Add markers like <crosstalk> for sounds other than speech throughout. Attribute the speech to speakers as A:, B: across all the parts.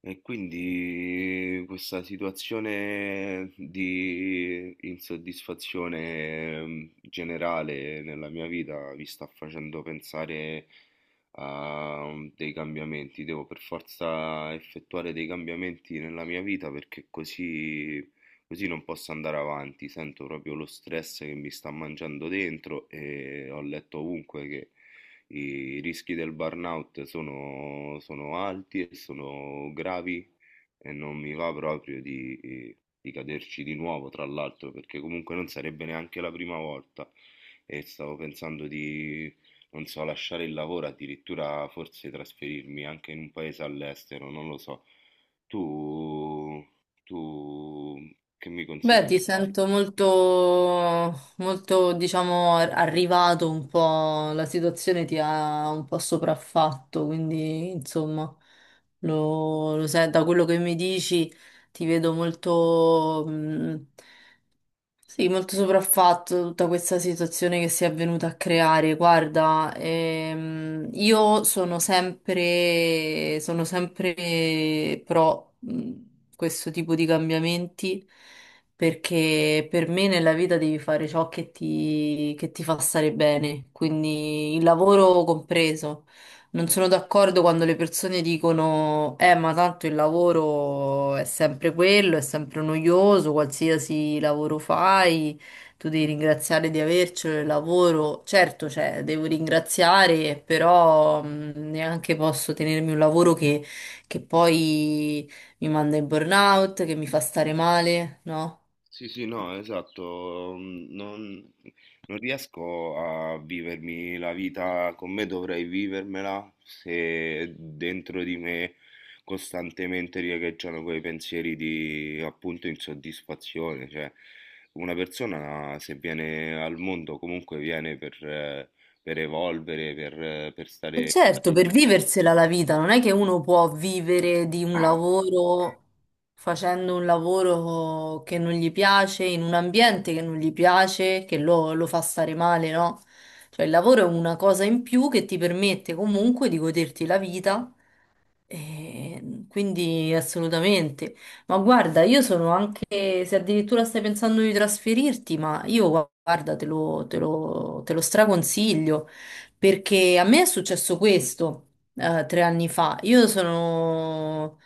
A: E quindi questa situazione di insoddisfazione generale nella mia vita mi sta facendo pensare a dei cambiamenti. Devo per forza effettuare dei cambiamenti nella mia vita perché così non posso andare avanti. Sento proprio lo stress che mi sta mangiando dentro e ho letto ovunque che i rischi del burnout sono alti e sono gravi e non mi va proprio di caderci di nuovo, tra l'altro, perché comunque non sarebbe neanche la prima volta e stavo pensando non so, lasciare il lavoro, addirittura forse trasferirmi anche in un paese all'estero, non lo so. Tu, tu che mi consigli
B: Beh, ti
A: di fare?
B: sento molto, molto, diciamo, arrivato un po', la situazione ti ha un po' sopraffatto, quindi, insomma, lo sai, da quello che mi dici ti vedo molto, sì, molto sopraffatto tutta questa situazione che si è venuta a creare. Guarda, io sono sempre pro questo tipo di cambiamenti perché per me nella vita devi fare ciò che ti fa stare bene, quindi il lavoro compreso. Non sono d'accordo quando le persone dicono, ma tanto il lavoro è sempre quello, è sempre noioso, qualsiasi lavoro fai, tu devi ringraziare di avercelo il lavoro. Certo, cioè, devo ringraziare, però neanche posso tenermi un lavoro che poi mi manda in burnout, che mi fa stare male, no?
A: Sì, sì, no, esatto, non riesco a vivermi la vita come dovrei vivermela se dentro di me costantemente riecheggiano quei pensieri di appunto insoddisfazione, cioè una persona se viene al mondo comunque viene per evolvere, per
B: E
A: stare...
B: certo, per viversela la vita, non è che uno può vivere di un lavoro facendo un lavoro che non gli piace, in un ambiente che non gli piace, che lo fa stare male, no? Cioè il lavoro è una cosa in più che ti permette comunque di goderti la vita, quindi assolutamente. Ma guarda, io sono anche, se addirittura stai pensando di trasferirti, ma io guarda, te lo straconsiglio, perché a me è successo questo 3 anni fa. Io sono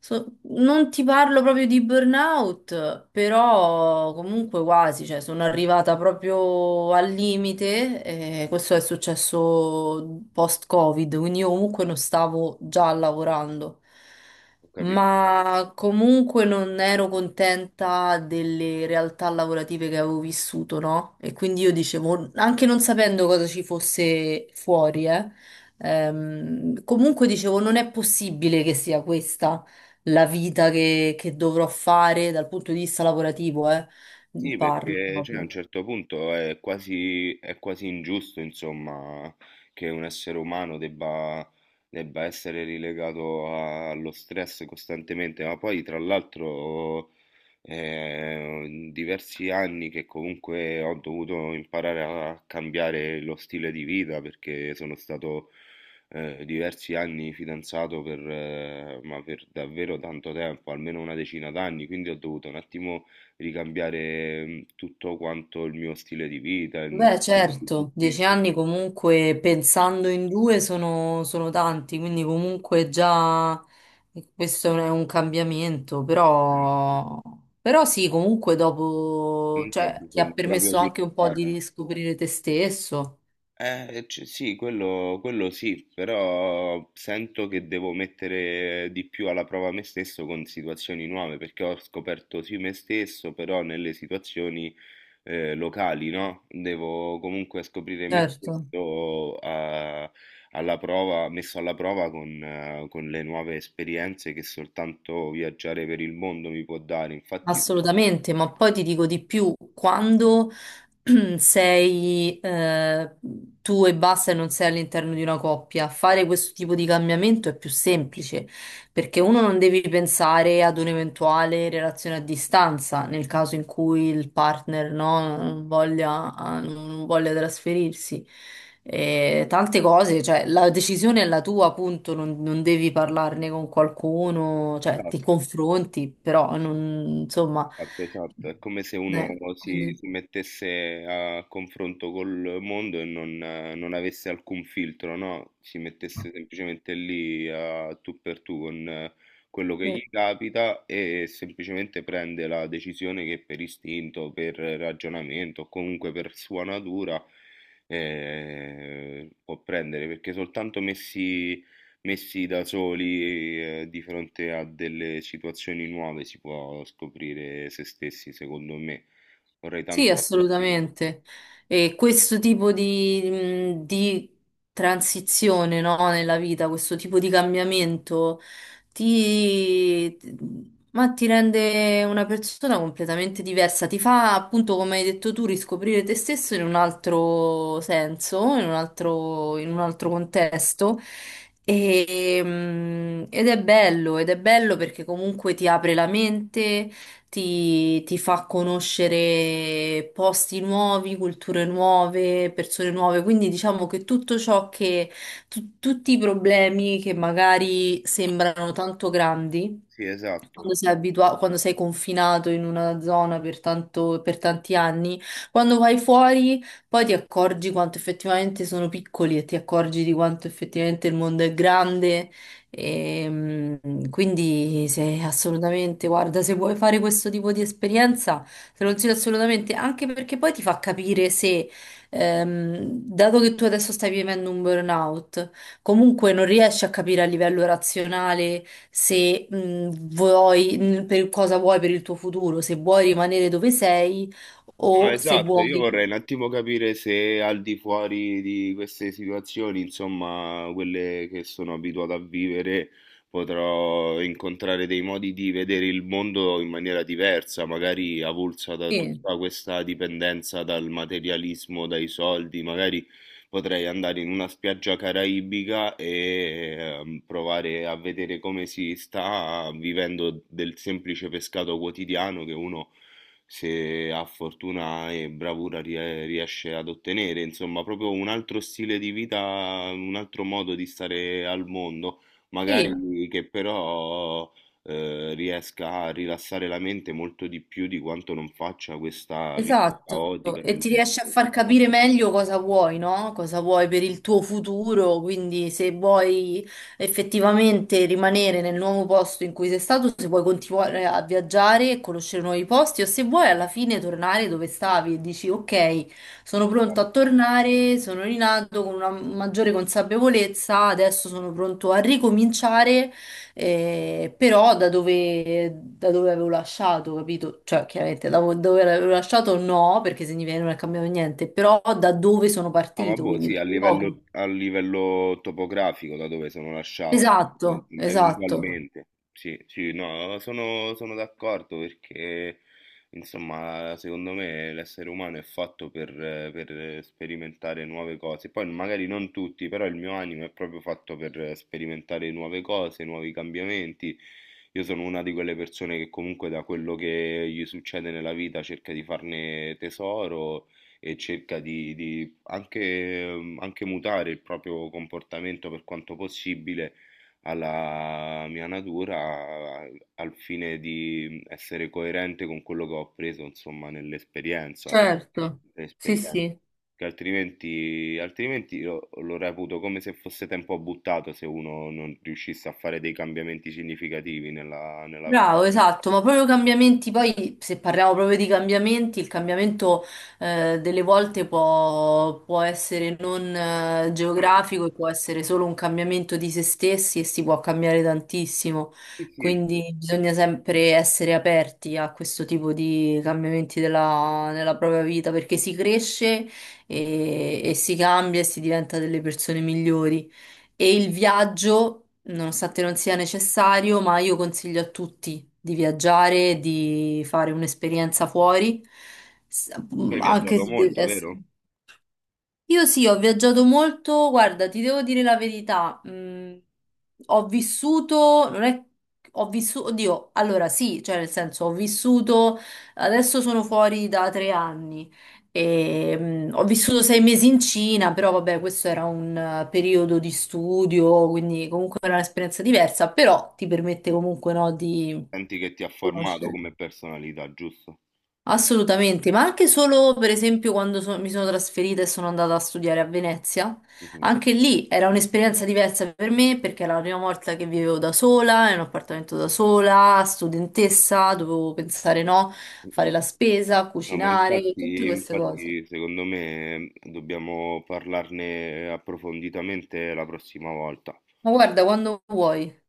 B: So- Non ti parlo proprio di burnout, però comunque quasi, cioè sono arrivata proprio al limite e questo è successo post-Covid, quindi io comunque non stavo già lavorando,
A: Ho capito.
B: ma comunque non ero contenta delle realtà lavorative che avevo vissuto, no? E quindi io dicevo, anche non sapendo cosa ci fosse fuori, comunque dicevo, non è possibile che sia questa la vita che dovrò fare dal punto di vista lavorativo,
A: Sì,
B: parlo
A: perché cioè, a un
B: proprio.
A: certo punto è quasi ingiusto, insomma, che un essere umano debba essere relegato allo stress costantemente, ma poi tra l'altro in diversi anni che comunque ho dovuto imparare a cambiare lo stile di vita perché sono stato diversi anni fidanzato per, ma per davvero tanto tempo, almeno una decina d'anni, quindi ho dovuto un attimo ricambiare, tutto quanto il mio stile di vita, le
B: Beh,
A: mie
B: certo,
A: attitudini,
B: 10 anni comunque pensando in due sono tanti, quindi comunque già, questo è un cambiamento, però sì, comunque dopo,
A: comunque ho
B: cioè, ti ha
A: bisogno proprio
B: permesso
A: di
B: anche un po' di
A: lontano.
B: riscoprire te stesso.
A: C sì, quello sì, però sento che devo mettere di più alla prova me stesso con situazioni nuove, perché ho scoperto sì me stesso, però nelle situazioni locali, no? Devo comunque scoprire me
B: Certo.
A: stesso alla prova, messo alla prova con le nuove esperienze che soltanto viaggiare per il mondo mi può dare. Infatti,
B: Assolutamente, ma poi ti dico di più, quando <clears throat> sei, tu e basta e non sei all'interno di una coppia, fare questo tipo di cambiamento è più semplice, perché uno non devi pensare ad un'eventuale relazione a distanza, nel caso in cui il partner no, non voglia trasferirsi. E tante cose, cioè la decisione è la tua, appunto, non devi parlarne con qualcuno, cioè ti
A: esatto.
B: confronti, però non, insomma,
A: Esatto, esatto, è come se uno
B: quindi,
A: si mettesse a confronto col mondo e non, non avesse alcun filtro, no? Si mettesse semplicemente lì a tu per tu con quello che gli
B: eh.
A: capita e semplicemente prende la decisione che per istinto, per ragionamento o comunque per sua natura può prendere, perché soltanto messi da soli, di fronte a delle situazioni nuove, si può scoprire se stessi, secondo me. Vorrei
B: Sì,
A: tanto scoprire.
B: assolutamente. E questo tipo di transizione, no, nella vita, questo tipo di cambiamento ti, ma ti rende una persona completamente diversa, ti fa appunto, come hai detto tu, riscoprire te stesso in un altro senso, in un altro contesto. E, ed è bello perché comunque ti apre la mente, ti fa conoscere posti nuovi, culture nuove, persone nuove, quindi diciamo che tutto ciò tutti i problemi che magari sembrano tanto grandi,
A: Sì, esatto.
B: quando sei confinato in una zona per tanti anni, quando vai fuori poi ti accorgi quanto effettivamente sono piccoli e ti accorgi di quanto effettivamente il mondo è grande e, quindi se, assolutamente, guarda, se vuoi fare questo tipo di esperienza, te lo consiglio assolutamente, anche perché poi ti fa capire se, dato che tu adesso stai vivendo un burnout, comunque non riesci a capire a livello razionale se, per cosa vuoi per il tuo futuro, se vuoi rimanere dove sei
A: No,
B: o se
A: esatto, io vorrei
B: vuoi...
A: un attimo capire se al di fuori di queste situazioni, insomma, quelle che sono abituato a vivere, potrò incontrare dei modi di vedere il mondo in maniera diversa, magari avulsa da
B: Sì,
A: tutta questa dipendenza dal materialismo, dai soldi, magari potrei andare in una spiaggia caraibica e provare a vedere come si sta vivendo del semplice pescato quotidiano che uno se ha fortuna e bravura riesce ad ottenere, insomma, proprio un altro stile di vita, un altro modo di stare al mondo,
B: sì.
A: magari che però riesca a rilassare la mente molto di più di quanto non faccia questa vita
B: Esatto,
A: caotica
B: e
A: nelle
B: ti riesce a far
A: città.
B: capire meglio cosa vuoi, no? Cosa vuoi per il tuo futuro, quindi se vuoi effettivamente rimanere nel nuovo posto in cui sei stato, se vuoi continuare a viaggiare e conoscere nuovi posti o se vuoi alla fine tornare dove stavi e dici ok, sono pronto a tornare, sono rinato con una maggiore consapevolezza, adesso sono pronto a ricominciare, però da dove avevo lasciato, capito? Cioè, chiaramente da dove avevo lasciato no, perché significa che non è cambiato niente, però da dove sono
A: Ah,
B: partito,
A: vabbò,
B: quindi
A: sì,
B: dal luogo.
A: a livello topografico da dove sono lasciato,
B: Esatto, esatto,
A: eventualmente. Sì, sì, no, sono d'accordo perché, insomma, secondo me l'essere umano è fatto per sperimentare nuove cose. Poi magari non tutti, però il mio animo è proprio fatto per sperimentare nuove cose, nuovi cambiamenti. Io sono una di quelle persone che comunque da quello che gli succede nella vita cerca di farne tesoro e cerca di anche, anche mutare il proprio comportamento per quanto possibile alla mia natura a- al fine di essere coerente con quello che ho appreso, insomma, nell'esperienza.
B: certo. Sì,
A: Nell'esperienza.
B: sì.
A: Che altrimenti, altrimenti lo reputo come se fosse tempo buttato se uno non riuscisse a fare dei cambiamenti significativi nella
B: Bravo,
A: propria vita.
B: esatto, ma proprio cambiamenti, poi se parliamo proprio di cambiamenti, il cambiamento, delle volte può essere non geografico e può essere solo un cambiamento di se stessi e si può cambiare tantissimo,
A: Sì, sì,
B: quindi bisogna sempre essere aperti a questo tipo di cambiamenti nella propria vita perché si cresce e si cambia e si diventa delle persone migliori e il viaggio. Nonostante non sia necessario, ma io consiglio a tutti di viaggiare, di fare un'esperienza fuori, s-
A: tu hai
B: anche
A: viaggiato
B: se deve
A: molto,
B: essere.
A: vero?
B: Io sì, ho viaggiato molto, guarda, ti devo dire la verità, ho vissuto, non è, ho vissuto, oddio, allora sì, cioè nel senso ho vissuto, adesso sono fuori da 3 anni, e, ho vissuto 6 mesi in Cina, però vabbè, questo era un, periodo di studio, quindi comunque era un'esperienza diversa, però ti permette comunque, no, di
A: Senti che ti ha formato
B: conoscere.
A: come personalità, giusto?
B: Assolutamente, ma anche solo per esempio quando mi sono trasferita e sono andata a studiare a Venezia,
A: Mhm.
B: anche lì era un'esperienza diversa per me perché era la prima volta che vivevo da sola, in un appartamento da sola, studentessa, dovevo pensare, no,
A: Mm.
B: fare la spesa,
A: No, ma
B: cucinare, tutte
A: infatti,
B: queste cose.
A: infatti, secondo me dobbiamo parlarne approfonditamente la prossima volta.
B: Ma guarda, quando vuoi.